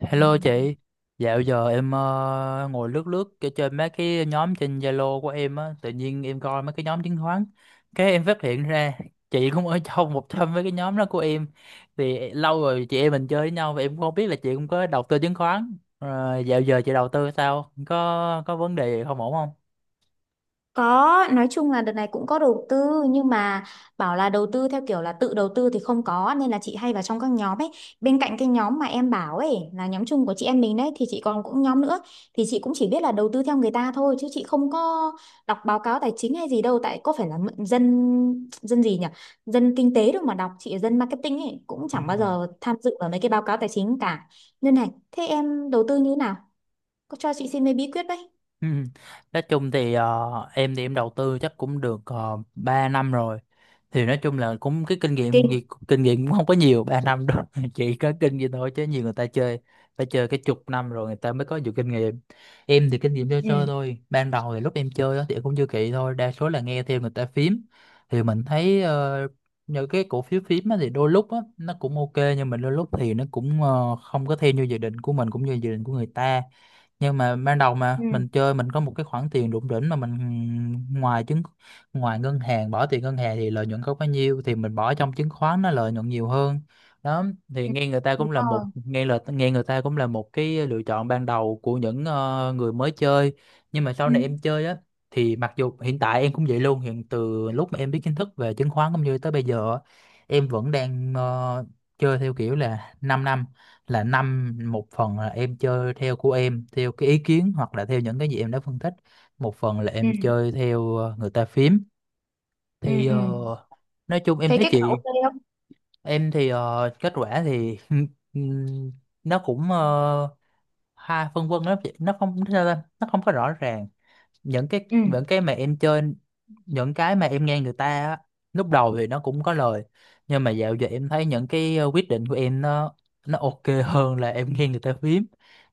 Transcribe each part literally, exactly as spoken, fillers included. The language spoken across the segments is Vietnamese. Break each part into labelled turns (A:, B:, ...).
A: Hello chị, dạo giờ em ờ, ngồi lướt lướt cái- trên mấy cái nhóm trên Zalo của em á, tự nhiên em coi mấy cái nhóm chứng khoán, cái em phát hiện ra chị cũng ở trong một trong mấy cái nhóm đó của em. Thì lâu rồi chị em mình chơi với nhau và em cũng không biết là chị cũng có đầu tư chứng khoán. Ờ, Dạo giờ chị đầu tư sao, có có vấn đề gì không ổn không?
B: Có, nói chung là đợt này cũng có đầu tư nhưng mà bảo là đầu tư theo kiểu là tự đầu tư thì không có nên là chị hay vào trong các nhóm ấy. Bên cạnh cái nhóm mà em bảo ấy là nhóm chung của chị em mình đấy thì chị còn cũng nhóm nữa thì chị cũng chỉ biết là đầu tư theo người ta thôi chứ chị không có đọc báo cáo tài chính hay gì đâu tại có phải là mượn dân dân gì nhỉ? Dân kinh tế đâu mà đọc, chị là dân marketing ấy cũng
A: Ừ.
B: chẳng bao giờ tham dự vào mấy cái báo cáo tài chính cả. Nên này, thế em đầu tư như thế nào? Có cho chị xin mấy bí quyết đấy.
A: Ừ. Nói chung thì ờ, em thì em đầu tư chắc cũng được uh, ba năm rồi, thì nói chung là cũng cái kinh nghiệm
B: Kinh.
A: gì- kinh nghiệm cũng không có nhiều ba năm đâu chỉ có kinh nghiệm thôi, chứ nhiều người ta chơi phải chơi cái chục năm rồi người ta mới có nhiều kinh nghiệm. Em thì kinh nghiệm chơi
B: Ừ.
A: chơi thôi, ban đầu thì lúc em chơi á thì em cũng chưa kỹ thôi, đa số là nghe theo người ta phím. Thì mình thấy ờ, những cái cổ phiếu phím á thì đôi lúc á nó cũng ok, nhưng mà đôi lúc thì nó cũng ờ, không có theo như dự định của mình cũng như dự định của người ta. Nhưng mà ban đầu mà
B: Ừ.
A: mình chơi, mình có một cái khoản tiền đụng đỉnh mà mình ngoài chứng ngoài ngân hàng, bỏ tiền ngân hàng thì lợi nhuận không bao nhiêu, thì mình bỏ trong chứng khoán nó lợi nhuận nhiều hơn đó. Thì
B: Ừ,
A: nghe người ta cũng
B: đúng
A: là một
B: rồi.
A: nghe là nghe người ta cũng là một cái lựa chọn ban đầu của những ờ, người mới chơi. Nhưng mà sau
B: Ừ,
A: này em chơi á, thì mặc dù hiện tại em cũng vậy luôn, hiện từ lúc mà em biết kiến thức về chứng khoán cũng như tới bây giờ á, em vẫn đang ờ, chơi theo kiểu là 5 năm năm, là năm một phần là em chơi theo của em, theo cái ý kiến hoặc là theo những cái gì em đã phân tích, một phần là
B: ừ,
A: em chơi theo ờ, người ta phím.
B: ừ,
A: Thì
B: ừ.
A: ờ, nói chung em
B: Thấy
A: thấy
B: kết quả
A: chị,
B: ok không?
A: em thì ờ, kết quả thì ừm, nó cũng ờ, ha phân vân lắm chị, nó không sao ta, nó không có rõ ràng. Những cái,
B: Ừ,
A: những cái mà em chơi, những cái mà em nghe người ta á, lúc đầu thì nó cũng có lời, nhưng mà dạo giờ em thấy những cái ờ, quyết định của em, nó nó ok hơn là em nghe người ta phím.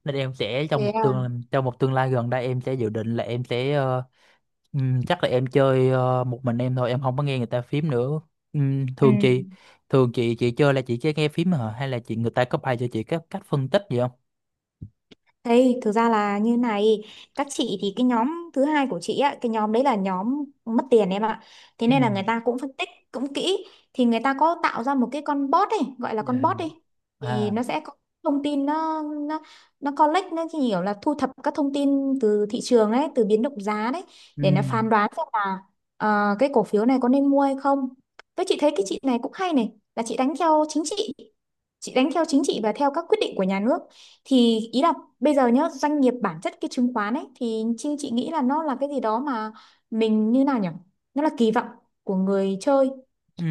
A: Nên em sẽ trong
B: thế
A: một
B: à?
A: tương trong một tương lai gần đây, em sẽ dự định là em sẽ ờ, ừm, chắc là em chơi ờ, một mình em thôi, em không có nghe người ta phím nữa. Ừm,
B: Ừ.
A: thường chị thường chị chị chơi là chị chỉ nghe phím hả, hay là chị người ta có bài cho chị các cách phân tích gì không?
B: Thế thực ra là như này, các chị thì cái nhóm thứ hai của chị á, cái nhóm đấy là nhóm mất tiền em ạ. Thế
A: Ừ.
B: nên là người ta cũng phân tích cũng kỹ thì người ta có tạo ra một cái con bot ấy, gọi là con
A: Dạ.
B: bot đi. Thì
A: À.
B: nó sẽ có thông tin nó nó nó collect nó chỉ hiểu là thu thập các thông tin từ thị trường ấy, từ biến động giá đấy
A: Ừ.
B: để nó phán đoán xem là ờ, cái cổ phiếu này có nên mua hay không. Tôi chị thấy cái chị này cũng hay này, là chị đánh theo chính trị. Chị đánh theo chính trị và theo các quyết định của nhà nước thì ý là bây giờ nhá, doanh nghiệp bản chất cái chứng khoán ấy thì chị, chị nghĩ là nó là cái gì đó mà mình như nào nhỉ? Nó là kỳ vọng của người chơi.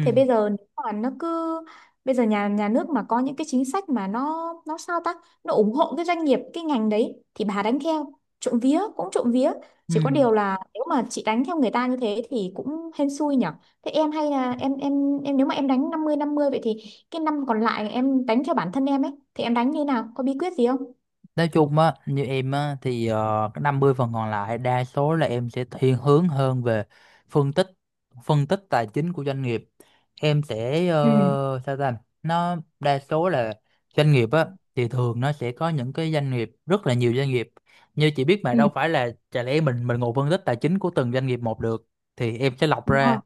B: Thế bây giờ nếu mà nó cứ bây giờ nhà nhà nước mà có những cái chính sách mà nó nó sao ta? Nó ủng hộ cái doanh nghiệp cái ngành đấy thì bà đánh theo. Trộm vía cũng trộm vía,
A: Ừ.
B: chỉ có điều là nếu mà chị đánh theo người ta như thế thì cũng hên xui nhỉ. Thế em hay là em em em nếu mà em đánh năm mươi năm mươi vậy thì cái năm còn lại em đánh theo bản thân em ấy thì em đánh như nào? Có bí quyết gì không?
A: Nói chung á, như em á thì ờ, cái năm mươi phần còn lại đa số là em sẽ thiên hướng hơn về phân tích, phân tích tài chính của doanh nghiệp. Em sẽ
B: Ừ.
A: ờ, sao ta, nó đa số là doanh nghiệp á thì thường nó sẽ có những cái doanh nghiệp, rất là nhiều doanh nghiệp như chị biết, mà
B: Ừ,
A: đâu phải là chả lẽ mình mình ngồi phân tích tài chính của từng doanh nghiệp một được. Thì em sẽ lọc
B: đúng rồi.
A: ra,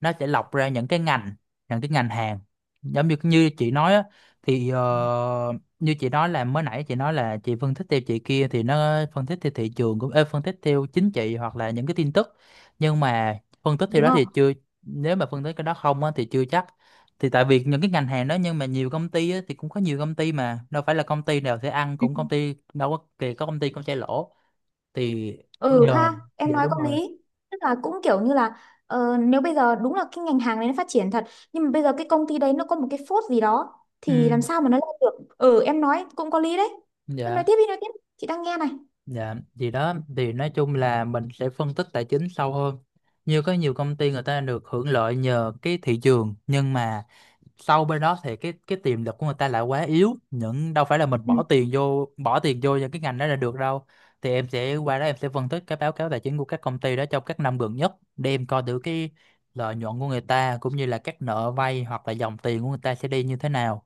A: nó sẽ lọc ra những cái ngành, những cái ngành hàng, giống như như chị nói á, thì ờ, như chị nói là mới nãy chị nói là chị phân tích theo chị kia, thì nó phân tích theo thị trường, cũng ê, phân tích theo chính trị hoặc là những cái tin tức. Nhưng mà phân tích theo
B: Đúng
A: đó
B: rồi.
A: thì chưa, nếu mà phân tích cái đó không á thì chưa chắc, thì tại vì những cái ngành hàng đó, nhưng mà nhiều công ty á, thì cũng có nhiều công ty mà đâu phải là công ty nào sẽ ăn,
B: Ừ.
A: cũng công ty đâu có kì, có công ty cũng sẽ lỗ. Thì
B: Ừ
A: giờ,
B: ha em
A: dạ
B: nói
A: đúng
B: có
A: rồi.
B: lý tức là cũng kiểu như là ờ, nếu bây giờ đúng là cái ngành hàng đấy nó phát triển thật nhưng mà bây giờ cái công ty đấy nó có một cái phốt gì đó
A: Ừ.
B: thì làm sao mà nó lên được. Ừ em nói cũng có lý đấy. Cứ
A: Dạ.
B: nói tiếp đi nói tiếp, chị đang nghe này.
A: Dạ, thì đó, thì nói chung là mình sẽ phân tích tài chính sâu hơn. Như có nhiều công ty người ta được hưởng lợi nhờ cái thị trường, nhưng mà sau bên đó thì cái cái tiềm lực của người ta lại quá yếu. Những đâu phải là mình
B: Ừ.
A: bỏ tiền vô bỏ tiền vô những cái ngành đó là được đâu. Thì em sẽ qua đó, em sẽ phân tích cái báo cáo tài chính của các công ty đó trong các năm gần nhất để em coi thử cái lợi nhuận của người ta, cũng như là các nợ vay hoặc là dòng tiền của người ta sẽ đi như thế nào.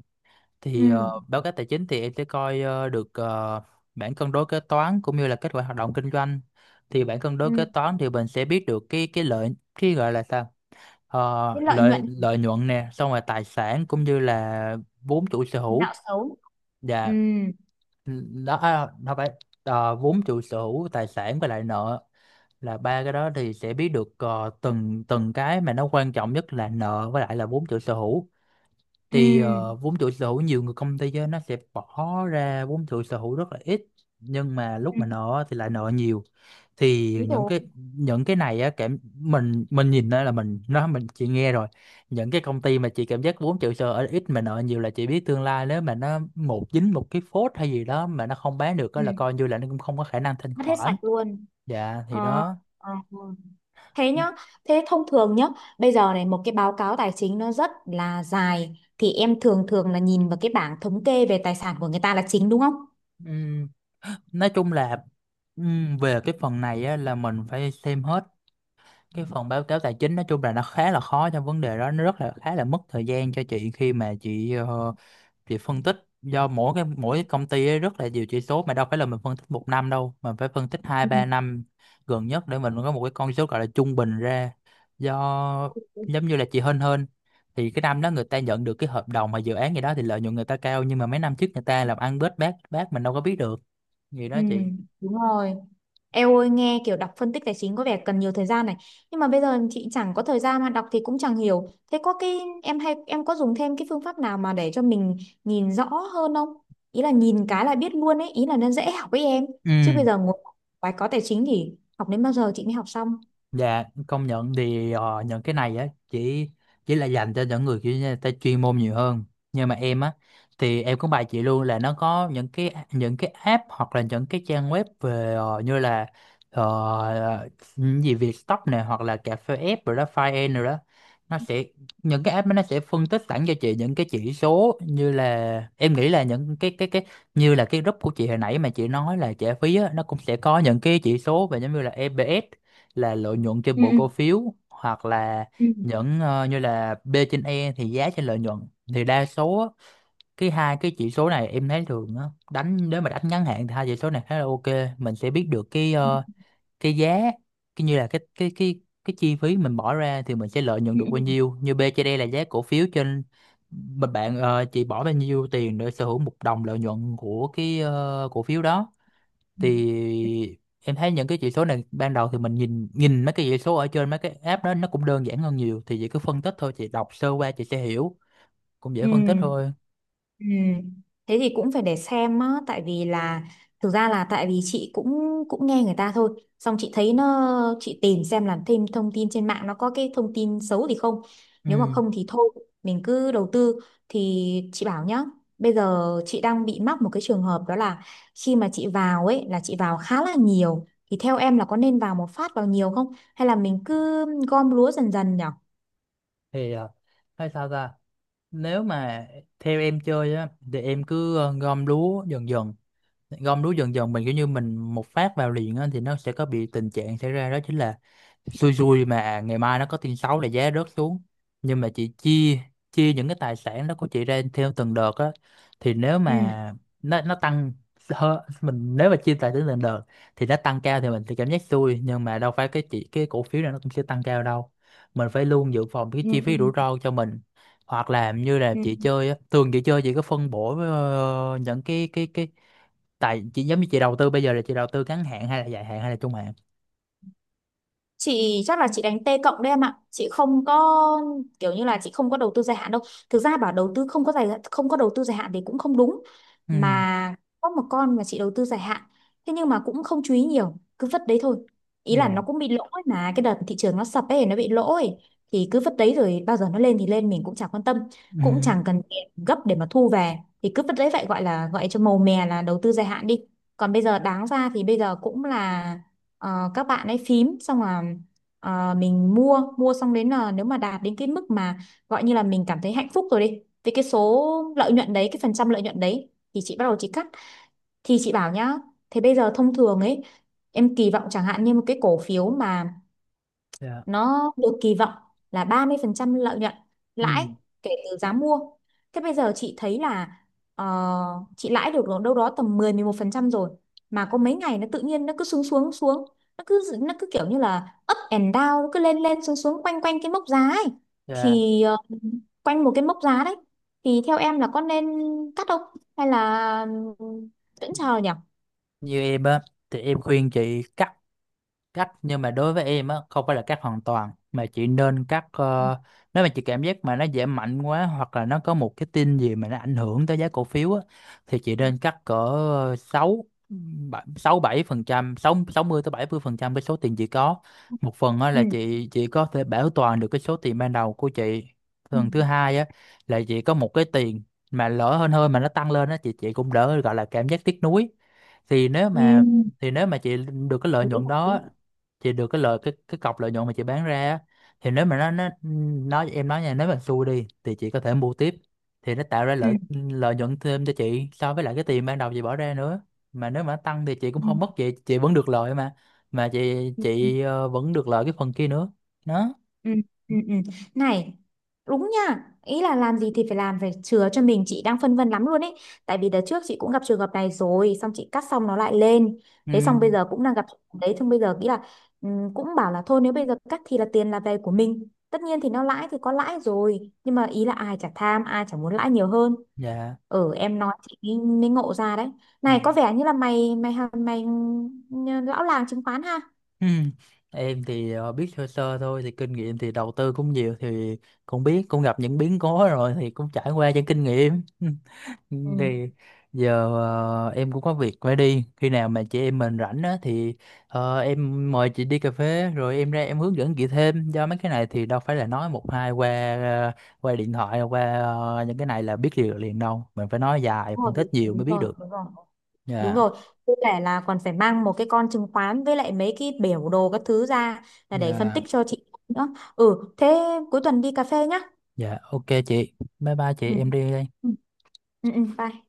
A: Thì ờ,
B: Ừ.
A: báo cáo tài chính thì em sẽ coi ờ, được, ờ, bảng cân đối kế toán cũng như là kết quả hoạt động kinh doanh. Thì bảng cân đối
B: Ừ.
A: kế toán thì mình sẽ biết được cái cái lợi, cái gọi là sao,
B: Cái
A: Ờ,
B: lợi
A: lợi
B: nhuận
A: lợi nhuận nè, xong rồi tài sản cũng như là vốn chủ sở
B: nạo
A: hữu
B: xấu. Ừ.
A: và đó. À, nó phải ờ, vốn chủ sở hữu, tài sản và lại nợ, là ba cái đó thì sẽ biết được ờ, từng từng cái mà nó quan trọng nhất là nợ với lại là vốn chủ sở hữu.
B: Ừ.
A: Thì ờ, vốn chủ sở hữu nhiều người công ty á, nó sẽ bỏ ra vốn chủ sở hữu rất là ít, nhưng mà lúc
B: Ừ,
A: mà nợ thì lại nợ nhiều. Thì
B: đúng
A: những
B: rồi.
A: cái, những cái này á, cảm mình, mình nhìn đó là mình nó mình chỉ nghe rồi, những cái công ty mà chị cảm giác vốn chủ sở hữu ít mà nợ nhiều là chị biết tương lai nếu mà nó một dính một cái phốt hay gì đó mà nó không bán được á là
B: Ừ.
A: coi như là nó cũng không có khả năng thanh
B: Mất hết
A: khoản.
B: sạch luôn.
A: Dạ, thì
B: Ờ.
A: đó.
B: Ờ. Thế nhá, thế thông thường nhá, bây giờ này một cái báo cáo tài chính nó rất là dài thì em thường thường là nhìn vào cái bảng thống kê về tài sản của người ta là chính đúng không?
A: Ừm, nói chung là ừm, về cái phần này á, là mình phải xem hết cái phần báo cáo tài chính. Nói chung là nó khá là khó trong vấn đề đó, nó rất là khá là mất thời gian cho chị khi mà chị ờ, chị phân tích, do mỗi cái mỗi cái công ty ấy rất là nhiều chỉ số, mà đâu phải là mình phân tích một năm đâu, mà phải phân tích hai
B: Ừ.
A: ba năm gần nhất để mình có một cái con số gọi là trung bình ra. Do giống như là chị Hên Hên thì cái năm đó người ta nhận được cái hợp đồng mà dự án gì đó thì lợi nhuận người ta cao, nhưng mà mấy năm trước người ta làm ăn bết bát bát mình đâu có biết được gì
B: Ừ,
A: đó chị.
B: đúng rồi. Eo ơi nghe kiểu đọc phân tích tài chính có vẻ cần nhiều thời gian này, nhưng mà bây giờ chị chẳng có thời gian mà đọc thì cũng chẳng hiểu. Thế có cái em hay em có dùng thêm cái phương pháp nào mà để cho mình nhìn rõ hơn không? Ý là nhìn cái là biết luôn ấy, ý là nó dễ học với em. Chứ bây
A: Ừ.
B: giờ ngồi bài có tài chính thì học đến bao giờ chị mới học xong?
A: Dạ, công nhận thì ờ, những cái này á chỉ chỉ là dành cho những người kiểu như người ta chuyên môn nhiều hơn. Nhưng mà em á thì em cũng bài chị luôn là nó có những cái, những cái app hoặc là những cái trang web về ờ, như là ờ, những gì Vietstock này hoặc là cà phê app rồi đó, Fine rồi đó. Nó sẽ, những cái app đó nó sẽ phân tích sẵn cho chị những cái chỉ số, như là em nghĩ là những cái cái cái như là cái group của chị hồi nãy mà chị nói là trả phí á, nó cũng sẽ có những cái chỉ số về, giống như là e pê ét là lợi nhuận trên
B: Ừ.
A: mỗi cổ phiếu, hoặc là
B: Ừ.
A: những ờ, như là P trên E thì giá trên lợi nhuận. Thì đa số á, cái hai cái chỉ số này em thấy thường á, đánh, nếu mà đánh ngắn hạn thì hai chỉ số này khá là ok. Mình sẽ biết được cái
B: Ừ.
A: ờ, cái giá, cái như là cái cái cái cái chi phí mình bỏ ra thì mình sẽ lợi nhuận
B: Ừ.
A: được bao nhiêu, như P trên E là giá cổ phiếu trên, mà bạn ờ, chỉ bỏ bao nhiêu tiền để sở hữu một đồng lợi nhuận của cái ờ, cổ phiếu đó.
B: Ừ.
A: Thì em thấy những cái chỉ số này ban đầu thì mình nhìn, nhìn mấy cái chỉ số ở trên mấy cái app đó nó cũng đơn giản hơn nhiều, thì chị cứ phân tích thôi, chị đọc sơ qua chị sẽ hiểu, cũng dễ
B: Ừ.
A: phân tích thôi.
B: Ừ. Thế thì cũng phải để xem á, tại vì là thực ra là tại vì chị cũng cũng nghe người ta thôi, xong chị thấy nó chị tìm xem là thêm thông tin trên mạng nó có cái thông tin xấu thì không. Nếu mà
A: Ừ.
B: không thì thôi, mình cứ đầu tư thì chị bảo nhá. Bây giờ chị đang bị mắc một cái trường hợp đó là khi mà chị vào ấy là chị vào khá là nhiều thì theo em là có nên vào một phát vào nhiều không hay là mình cứ gom lúa dần dần nhỉ?
A: Thì ờ, hay sao ta, nếu mà theo em chơi á thì em cứ ờ, gom lúa dần dần. Gom lúa dần dần, mình kiểu như mình một phát vào liền á thì nó sẽ có bị tình trạng xảy ra, đó chính là xui xui mà ngày mai nó có tin xấu là giá rớt xuống. Nhưng mà chị chia, chia những cái tài sản đó của chị ra theo từng đợt á, thì nếu
B: Ừ.
A: mà nó nó tăng, hơ- mình nếu mà chia tài sản từng đợt thì nó tăng cao thì mình sẽ cảm giác xui, nhưng mà đâu phải cái chỉ cái cổ phiếu này nó cũng sẽ tăng cao đâu, mình phải luôn dự phòng cái
B: Ừ.
A: chi phí rủi ro cho mình. Hoặc là như là
B: Ừ.
A: chị chơi á, thường chị chơi chị có phân bổ ờ, những cái cái cái, tại chị giống như chị đầu tư bây giờ là chị đầu tư ngắn hạn hay là dài hạn hay là trung hạn.
B: Chị chắc là chị đánh T cộng đấy em ạ, chị không có kiểu như là chị không có đầu tư dài hạn đâu. Thực ra bảo đầu tư không có dài không có đầu tư dài hạn thì cũng không đúng,
A: Ừ.
B: mà có một con mà chị đầu tư dài hạn, thế nhưng mà cũng không chú ý nhiều cứ vứt đấy thôi, ý là nó
A: Dạ.
B: cũng bị lỗ ấy, mà cái đợt thị trường nó sập ấy nó bị lỗ ấy thì cứ vứt đấy rồi bao giờ nó lên thì lên mình cũng chẳng quan tâm, cũng
A: Ừ.
B: chẳng cần tiền gấp để mà thu về thì cứ vứt đấy vậy, gọi là gọi cho màu mè là đầu tư dài hạn đi. Còn bây giờ đáng ra thì bây giờ cũng là ờ, các bạn ấy phím xong là ờ, mình mua mua xong đến là nếu mà đạt đến cái mức mà gọi như là mình cảm thấy hạnh phúc rồi đi thì cái số lợi nhuận đấy cái phần trăm lợi nhuận đấy thì chị bắt đầu chị cắt. Thì chị bảo nhá, thế bây giờ thông thường ấy em kỳ vọng chẳng hạn như một cái cổ phiếu mà
A: Dạ.
B: nó được kỳ vọng là ba mươi phần trăm lợi nhuận
A: Ừ.
B: lãi kể từ giá mua. Thế bây giờ chị thấy là ờ, chị lãi được đâu đó tầm mười mười một phần trăm rồi mà có mấy ngày nó tự nhiên nó cứ xuống xuống xuống, nó cứ nó cứ kiểu như là up and down nó cứ lên lên xuống xuống quanh quanh cái mốc giá ấy
A: Dạ.
B: thì ờ, quanh một cái mốc giá đấy thì theo em là có nên cắt không hay là vẫn chờ nhỉ?
A: Như em á thì em khuyên chị cắt, cắt nhưng mà đối với em á không phải là cắt hoàn toàn, mà chị nên cắt ờ, nếu mà chị cảm giác mà nó giảm mạnh quá hoặc là nó có một cái tin gì mà nó ảnh hưởng tới giá cổ phiếu á, thì chị nên cắt cỡ sáu, sáu bảy phần trăm, sáu, sáu mươi tới bảy mươi phần trăm cái số tiền chị có. Một phần á
B: Ừ.
A: là chị chị có thể bảo toàn được cái số tiền ban đầu của chị,
B: Ừ.
A: phần thứ hai á là chị có một cái tiền mà lỡ hơn hơn mà nó tăng lên á, chị chị cũng đỡ gọi là cảm giác tiếc nuối. Thì nếu mà, thì nếu mà chị được cái lợi nhuận đó, chị được cái lợi, cái cái cọc lợi nhuận mà chị bán ra á, thì nếu mà nó nó nói, em nói nha, nếu mà xui đi thì chị có thể mua tiếp, thì nó tạo ra
B: Ừ.
A: lợi lợi nhuận thêm cho chị so với lại cái tiền ban đầu chị bỏ ra nữa. Mà nếu mà nó tăng thì chị cũng không mất gì, chị vẫn được lợi mà, mà chị
B: Ừ.
A: chị ờ, vẫn được lợi cái phần kia nữa. Đó.
B: Ừ, ừ, ừ. Này đúng nha, ý là làm gì thì phải làm phải chừa cho mình, chị đang phân vân lắm luôn ấy, tại vì đợt trước chị cũng gặp trường hợp này rồi xong chị cắt xong nó lại lên, thế xong bây
A: Ừ.
B: giờ cũng đang gặp trường hợp đấy xong bây giờ nghĩ là ừ, cũng bảo là thôi nếu bây giờ cắt thì là tiền là về của mình, tất nhiên thì nó lãi thì có lãi rồi nhưng mà ý là ai chả tham ai chả muốn lãi nhiều hơn.
A: Dạ.
B: Ừ em nói chị mới mới ngộ ra đấy.
A: Ừ.
B: Này có vẻ như là mày mày mày, mày ừ, lão làng chứng khoán ha.
A: Ừ. Em thì ờ, biết sơ sơ thôi, thì kinh nghiệm thì đầu tư cũng nhiều, thì cũng biết, cũng gặp những biến cố rồi thì cũng trải qua những kinh nghiệm. Ừ.
B: Ừ,
A: Thì giờ ờ, em cũng có việc phải đi, khi nào mà chị em mình rảnh á thì ờ, em mời chị đi cà phê rồi em ra em hướng dẫn chị thêm, do mấy cái này thì đâu phải là nói một hai qua ờ, qua điện thoại qua ờ, những cái này là biết liền liền đâu, mình phải nói dài
B: đúng rồi,
A: phân tích nhiều
B: đúng
A: mới biết
B: rồi,
A: được.
B: đúng rồi. Đúng
A: Dạ.
B: rồi, với cả là còn phải mang một cái con chứng khoán với lại mấy cái biểu đồ các thứ ra là để phân
A: Dạ.
B: tích cho chị nữa. Ừ, thế cuối tuần đi cà phê nhá.
A: Dạ, ok chị, bye bye chị,
B: Ừ.
A: em đi đây.
B: Ừ, ừ, ừ, bye.